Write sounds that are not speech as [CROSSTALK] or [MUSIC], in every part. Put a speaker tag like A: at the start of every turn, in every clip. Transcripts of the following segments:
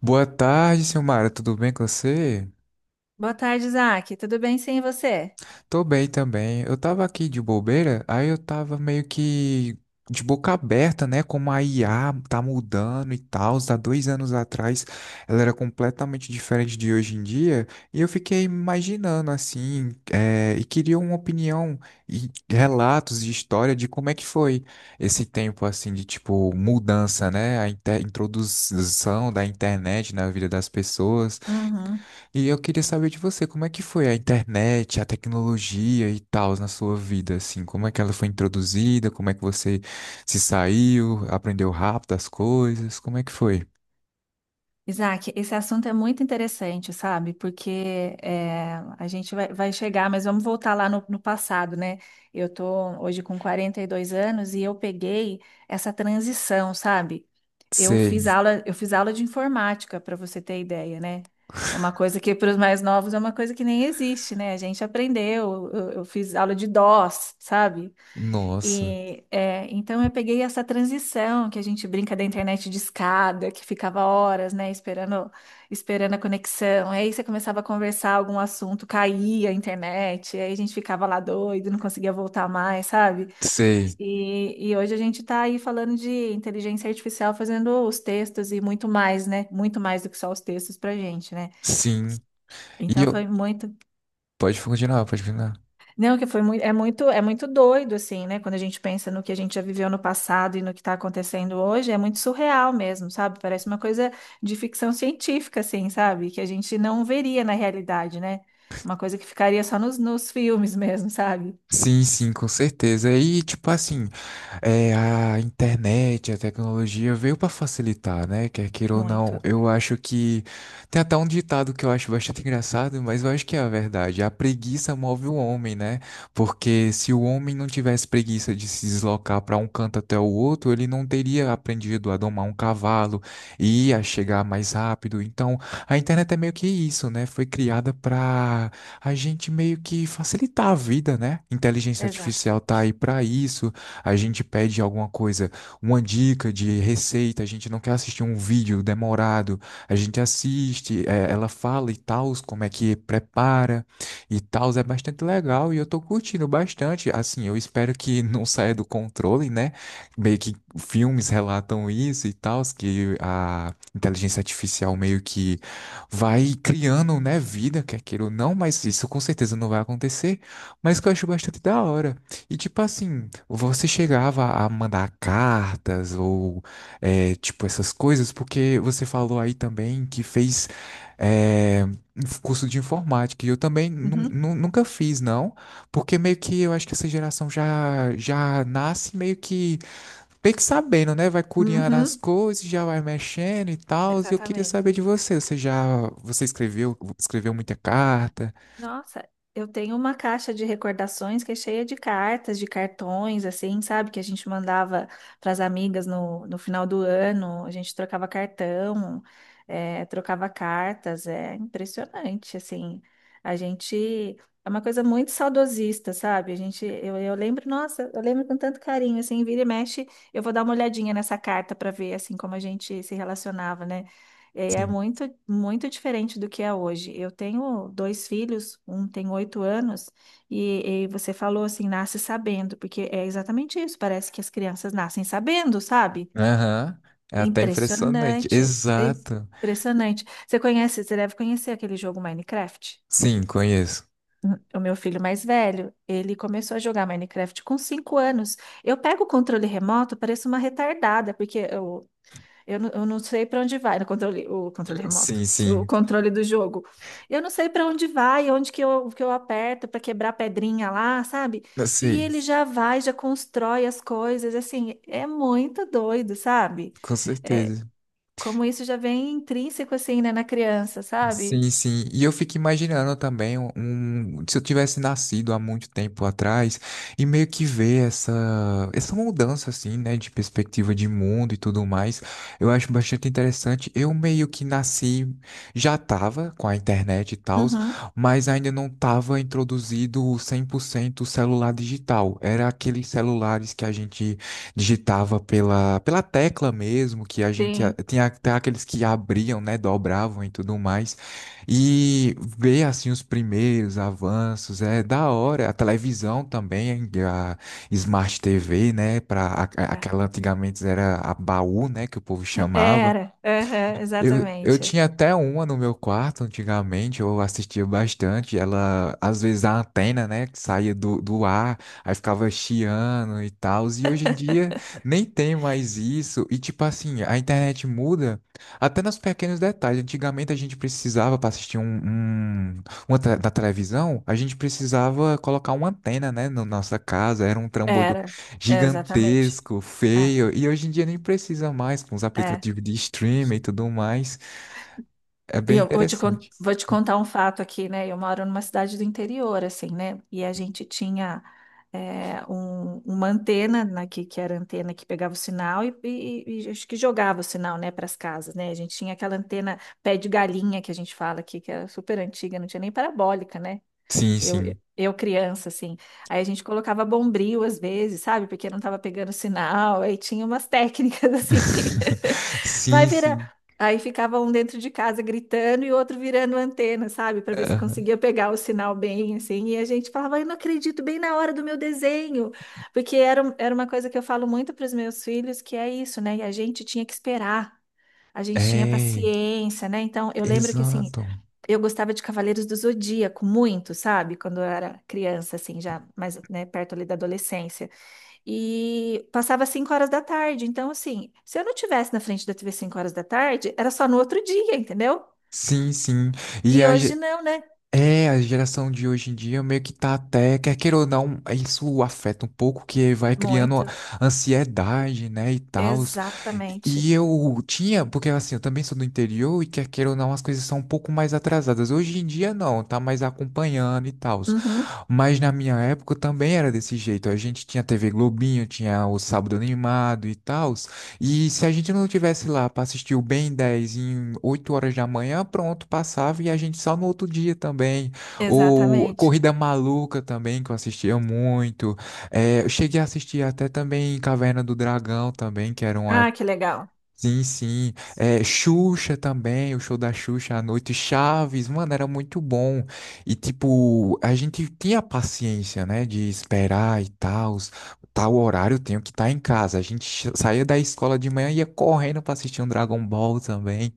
A: Boa tarde, Silmara, tudo bem com você?
B: Boa tarde, Isaac. Tudo bem sim, e você?
A: Tô bem também. Eu tava aqui de bobeira, aí eu tava meio que de boca aberta, né? Como a IA tá mudando e tal. Há 2 anos atrás ela era completamente diferente de hoje em dia. E eu fiquei imaginando assim, e queria uma opinião e relatos de história de como é que foi esse tempo assim de tipo mudança, né? A introdução da internet na vida das pessoas.
B: Uhum.
A: E eu queria saber de você, como é que foi a internet, a tecnologia e tal na sua vida, assim, como é que ela foi introduzida, como é que você se saiu, aprendeu rápido as coisas, como é que foi?
B: Isaac, esse assunto é muito interessante, sabe? Porque é, a gente vai chegar, mas vamos voltar lá no passado, né? Eu tô hoje com 42 anos e eu peguei essa transição, sabe? Eu
A: Sei.
B: fiz aula, eu fiz aula de informática, para você ter ideia, né? Uma coisa que para os mais novos é uma coisa que nem existe, né? A gente aprendeu, eu fiz aula de DOS, sabe?
A: Nossa.
B: E é, então eu peguei essa transição que a gente brinca da internet de escada, que ficava horas, né, esperando, esperando a conexão. Aí você começava a conversar algum assunto, caía a internet, aí a gente ficava lá doido, não conseguia voltar mais, sabe?
A: Sei.
B: E hoje a gente está aí falando de inteligência artificial fazendo os textos e muito mais, né? Muito mais do que só os textos para gente, né?
A: Sim. E
B: Então
A: eu,
B: foi muito.
A: pode continuar, pode continuar.
B: Não, que foi muito, é muito doido, assim, né? Quando a gente pensa no que a gente já viveu no passado e no que está acontecendo hoje, é muito surreal mesmo, sabe? Parece uma coisa de ficção científica, assim, sabe? Que a gente não veria na realidade, né? Uma coisa que ficaria só nos filmes [LAUGHS] mesmo, sabe?
A: Sim, sim, com certeza. E tipo assim, é, a internet, a tecnologia veio para facilitar, né? Quer queira ou não,
B: Muito.
A: eu acho que tem até um ditado que eu acho bastante engraçado, mas eu acho que é a verdade. A preguiça move o homem, né? Porque se o homem não tivesse preguiça de se deslocar para um canto até o outro, ele não teria aprendido a domar um cavalo e a chegar mais rápido. Então, a internet é meio que isso, né? Foi criada para a gente meio que facilitar a vida, né? Inteligência artificial tá aí
B: Exatamente.
A: para isso, a gente pede alguma coisa, uma dica de receita, a gente não quer assistir um vídeo demorado, a gente assiste, ela fala e tal, como é que prepara e tal, é bastante legal e eu tô curtindo bastante. Assim, eu espero que [LAUGHS] não saia do controle, né? Meio que filmes relatam isso e tal, que a inteligência artificial meio que vai criando, né, vida, quer queira ou não, mas isso com certeza não vai acontecer, mas que eu acho bastante da hora. E tipo assim, você chegava a mandar cartas ou é, tipo essas coisas, porque você falou aí também que fez é, um curso de informática, e eu também
B: Uhum.
A: nunca fiz, não, porque meio que eu acho que essa geração já, já nasce meio que sabendo, né? Vai curiando as
B: Uhum.
A: coisas, já vai mexendo e tal, e eu queria
B: Exatamente.
A: saber de você, você escreveu muita carta?
B: Nossa, eu tenho uma caixa de recordações que é cheia de cartas, de cartões, assim, sabe? Que a gente mandava para as amigas no final do ano, a gente trocava cartão, é, trocava cartas, é impressionante, assim. A gente é uma coisa muito saudosista, sabe? A gente, eu lembro, nossa, eu lembro com tanto carinho, assim, vira e mexe, eu vou dar uma olhadinha nessa carta para ver, assim, como a gente se relacionava, né? É
A: Sim.
B: muito, muito diferente do que é hoje. Eu tenho dois filhos, um tem 8 anos, e você falou assim, nasce sabendo, porque é exatamente isso. Parece que as crianças nascem sabendo, sabe?
A: Aham. É
B: É
A: até impressionante.
B: Impressionante. é
A: Exato.
B: Impressionante. Você conhece, você deve conhecer aquele jogo Minecraft?
A: Sim, conheço.
B: O meu filho mais velho, ele começou a jogar Minecraft com 5 anos. Eu pego o controle remoto, pareço uma retardada, porque eu não sei para onde vai no controle, o controle remoto,
A: Sim,
B: o
A: sim.
B: controle do jogo. Eu não sei para onde vai, onde que eu aperto para quebrar a pedrinha lá, sabe?
A: Eu
B: E
A: sei,
B: ele já vai, já constrói as coisas, assim, é muito doido, sabe?
A: com
B: É,
A: certeza.
B: como isso já vem intrínseco, assim, né, na criança, sabe?
A: Sim, sim. E eu fico imaginando também se eu tivesse nascido há muito tempo atrás e meio que ver essa, essa mudança assim, né, de perspectiva de mundo e tudo mais, eu acho bastante interessante. Eu meio que nasci, já tava com a internet e tal,
B: Uhum,
A: mas ainda não tava introduzido 100% o celular digital. Era aqueles celulares que a gente digitava pela, pela tecla mesmo, que a gente
B: sim.
A: tinha até aqueles que abriam, né, dobravam e tudo mais. E ver assim os primeiros avanços é da hora. A televisão também, a Smart TV, né? Para aquela antigamente era a baú, né? Que o povo chamava.
B: Era, aham,
A: Eu
B: exatamente.
A: tinha até uma no meu quarto antigamente, eu assistia bastante. Ela, às vezes, a antena, né, que saía do, do ar, aí ficava chiando e tal. E hoje em dia nem tem mais isso. E, tipo assim, a internet muda até nos pequenos detalhes. Antigamente a gente precisava, para assistir da televisão, a gente precisava colocar uma antena, né, na nossa casa. Era um trambolho
B: Era, exatamente.
A: gigantesco,
B: É,
A: feio, e hoje em dia nem precisa mais com os
B: é.
A: aplicativos de streaming e tudo mais. É
B: E
A: bem
B: Eu vou te, con-
A: interessante.
B: vou te contar um fato aqui, né? Eu moro numa cidade do interior, assim, né? E a gente tinha uma antena né, que era a antena que pegava o sinal e acho que jogava o sinal, né, para as casas, né? A gente tinha aquela antena pé de galinha que a gente fala aqui, que era super antiga, não tinha nem parabólica, né?
A: Sim,
B: Eu,
A: sim.
B: eu criança, assim. Aí a gente colocava bombril às vezes, sabe? Porque não tava pegando sinal. Aí tinha umas técnicas [LAUGHS] assim.
A: [LAUGHS]
B: Vai
A: Sim,
B: virar.
A: sim.
B: Aí ficava um dentro de casa gritando e o outro virando antena, sabe? Para ver se
A: Aham.
B: conseguia pegar o sinal bem, assim. E a gente falava, eu não acredito, bem na hora do meu desenho. Porque era, era uma coisa que eu falo muito para os meus filhos, que é isso, né? E a gente tinha que esperar. A gente tinha
A: É,
B: paciência, né? Então, eu lembro que, assim,
A: exato.
B: eu gostava de Cavaleiros do Zodíaco muito, sabe? Quando eu era criança, assim, já mais, né, perto ali da adolescência. E passava 5 horas da tarde. Então, assim, se eu não tivesse na frente da TV 5 horas da tarde, era só no outro dia, entendeu?
A: Sim, sim. E
B: E
A: a,
B: hoje não, né?
A: é, a geração de hoje em dia meio que tá até, quer queira ou não, isso afeta um pouco, que vai criando
B: Muito.
A: ansiedade, né, e tal.
B: Exatamente.
A: E eu tinha, porque assim, eu também sou do interior e quer queira ou não, as coisas são um pouco mais atrasadas. Hoje em dia não, tá mais acompanhando e tal.
B: Uhum,
A: Mas na minha época também era desse jeito. A gente tinha TV Globinho, tinha o Sábado Animado e tal. E se a gente não tivesse lá para assistir o Ben 10 em 8 horas da manhã, pronto, passava e a gente só no outro dia também. Ou
B: exatamente.
A: Corrida Maluca também, que eu assistia muito. É, eu cheguei a assistir até também Caverna do Dragão também, que era uma.
B: Ah, que legal.
A: Sim, sim. É, Xuxa também, o show da Xuxa à noite, Chaves, mano, era muito bom. E, tipo, a gente tinha paciência, né, de esperar e tal. Tal horário eu tenho que estar em casa. A gente saía da escola de manhã e ia correndo pra assistir um Dragon Ball também.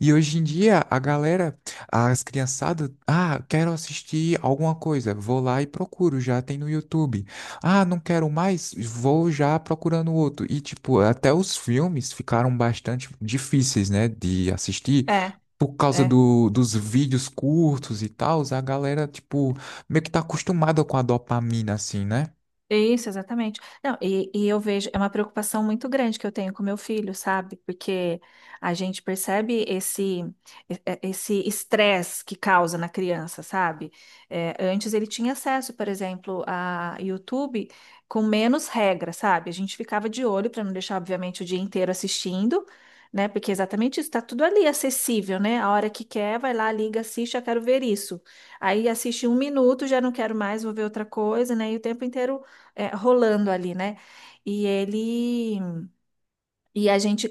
A: E hoje em dia, a galera, as criançadas, ah, quero assistir alguma coisa, vou lá e procuro, já tem no YouTube. Ah, não quero mais, vou já procurando outro. E, tipo, até os filmes ficaram bastante difíceis, né, de assistir
B: É,
A: por causa
B: é.
A: do, dos vídeos curtos e tal. A galera, tipo, meio que tá acostumada com a dopamina, assim, né?
B: Isso, exatamente. Não, e eu vejo, é uma preocupação muito grande que eu tenho com meu filho, sabe? Porque a gente percebe esse esse estresse que causa na criança, sabe? É, antes ele tinha acesso, por exemplo, a YouTube com menos regra, sabe? A gente ficava de olho para não deixar, obviamente, o dia inteiro assistindo, né? Porque é exatamente isso, tá tudo ali acessível, né? A hora que quer, vai lá, liga, assiste, eu quero ver isso. Aí assiste um minuto, já não quero mais, vou ver outra coisa, né? E o tempo inteiro rolando ali, né? E ele. E a gente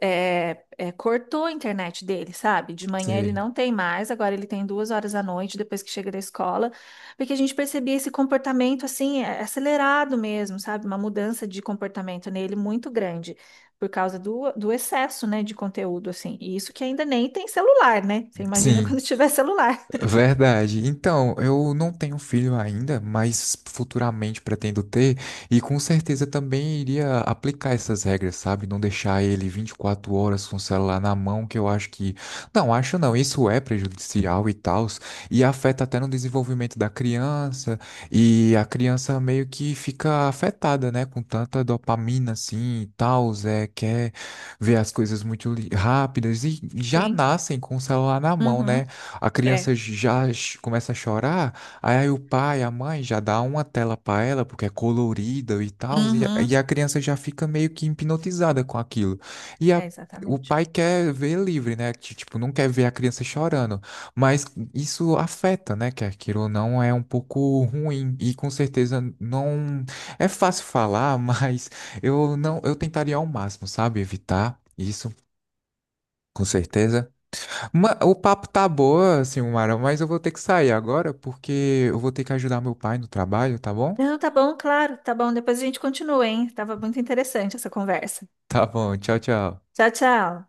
B: cortou a internet dele, sabe? De manhã ele
A: Sei.
B: não tem mais, agora ele tem 2 horas à noite depois que chega da escola, porque a gente percebia esse comportamento assim, acelerado mesmo, sabe? Uma mudança de comportamento nele muito grande, por causa do excesso, né, de conteúdo, assim. E isso que ainda nem tem celular, né? Você imagina [LAUGHS]
A: Sim.
B: quando tiver celular.
A: Verdade. Então, eu não tenho filho ainda, mas futuramente pretendo ter, e com certeza também iria aplicar essas regras, sabe? Não deixar ele 24 horas com o celular na mão, que eu acho que. Não, acho não, isso é prejudicial e tal, e afeta até no desenvolvimento da criança, e a criança meio que fica afetada, né? Com tanta dopamina assim e tal, é, quer ver as coisas muito rápidas, e já
B: Tem.
A: nascem com o celular na mão, né?
B: Uhum.
A: A
B: É.
A: criança já começa a chorar, aí, aí o pai, a mãe já dá uma tela para ela, porque é colorida e tal, e, e
B: Uhum.
A: a criança já fica meio que hipnotizada com aquilo. E a-
B: É,
A: o
B: exatamente.
A: pai quer ver livre, né? Tipo, não quer ver a criança chorando, mas isso afeta, né? Quer queira ou não, é um pouco ruim. E com certeza não é fácil falar, [LAUGHS] mas eu não, eu tentaria ao máximo, sabe? Evitar isso, com certeza. O papo tá boa, Silmara, mas eu vou ter que sair agora porque eu vou ter que ajudar meu pai no trabalho, tá bom? [LAUGHS]
B: Não, tá bom, claro, tá bom. Depois a gente continua, hein? Tava muito interessante essa conversa.
A: Tá bom, tchau, tchau.
B: Tchau, tchau.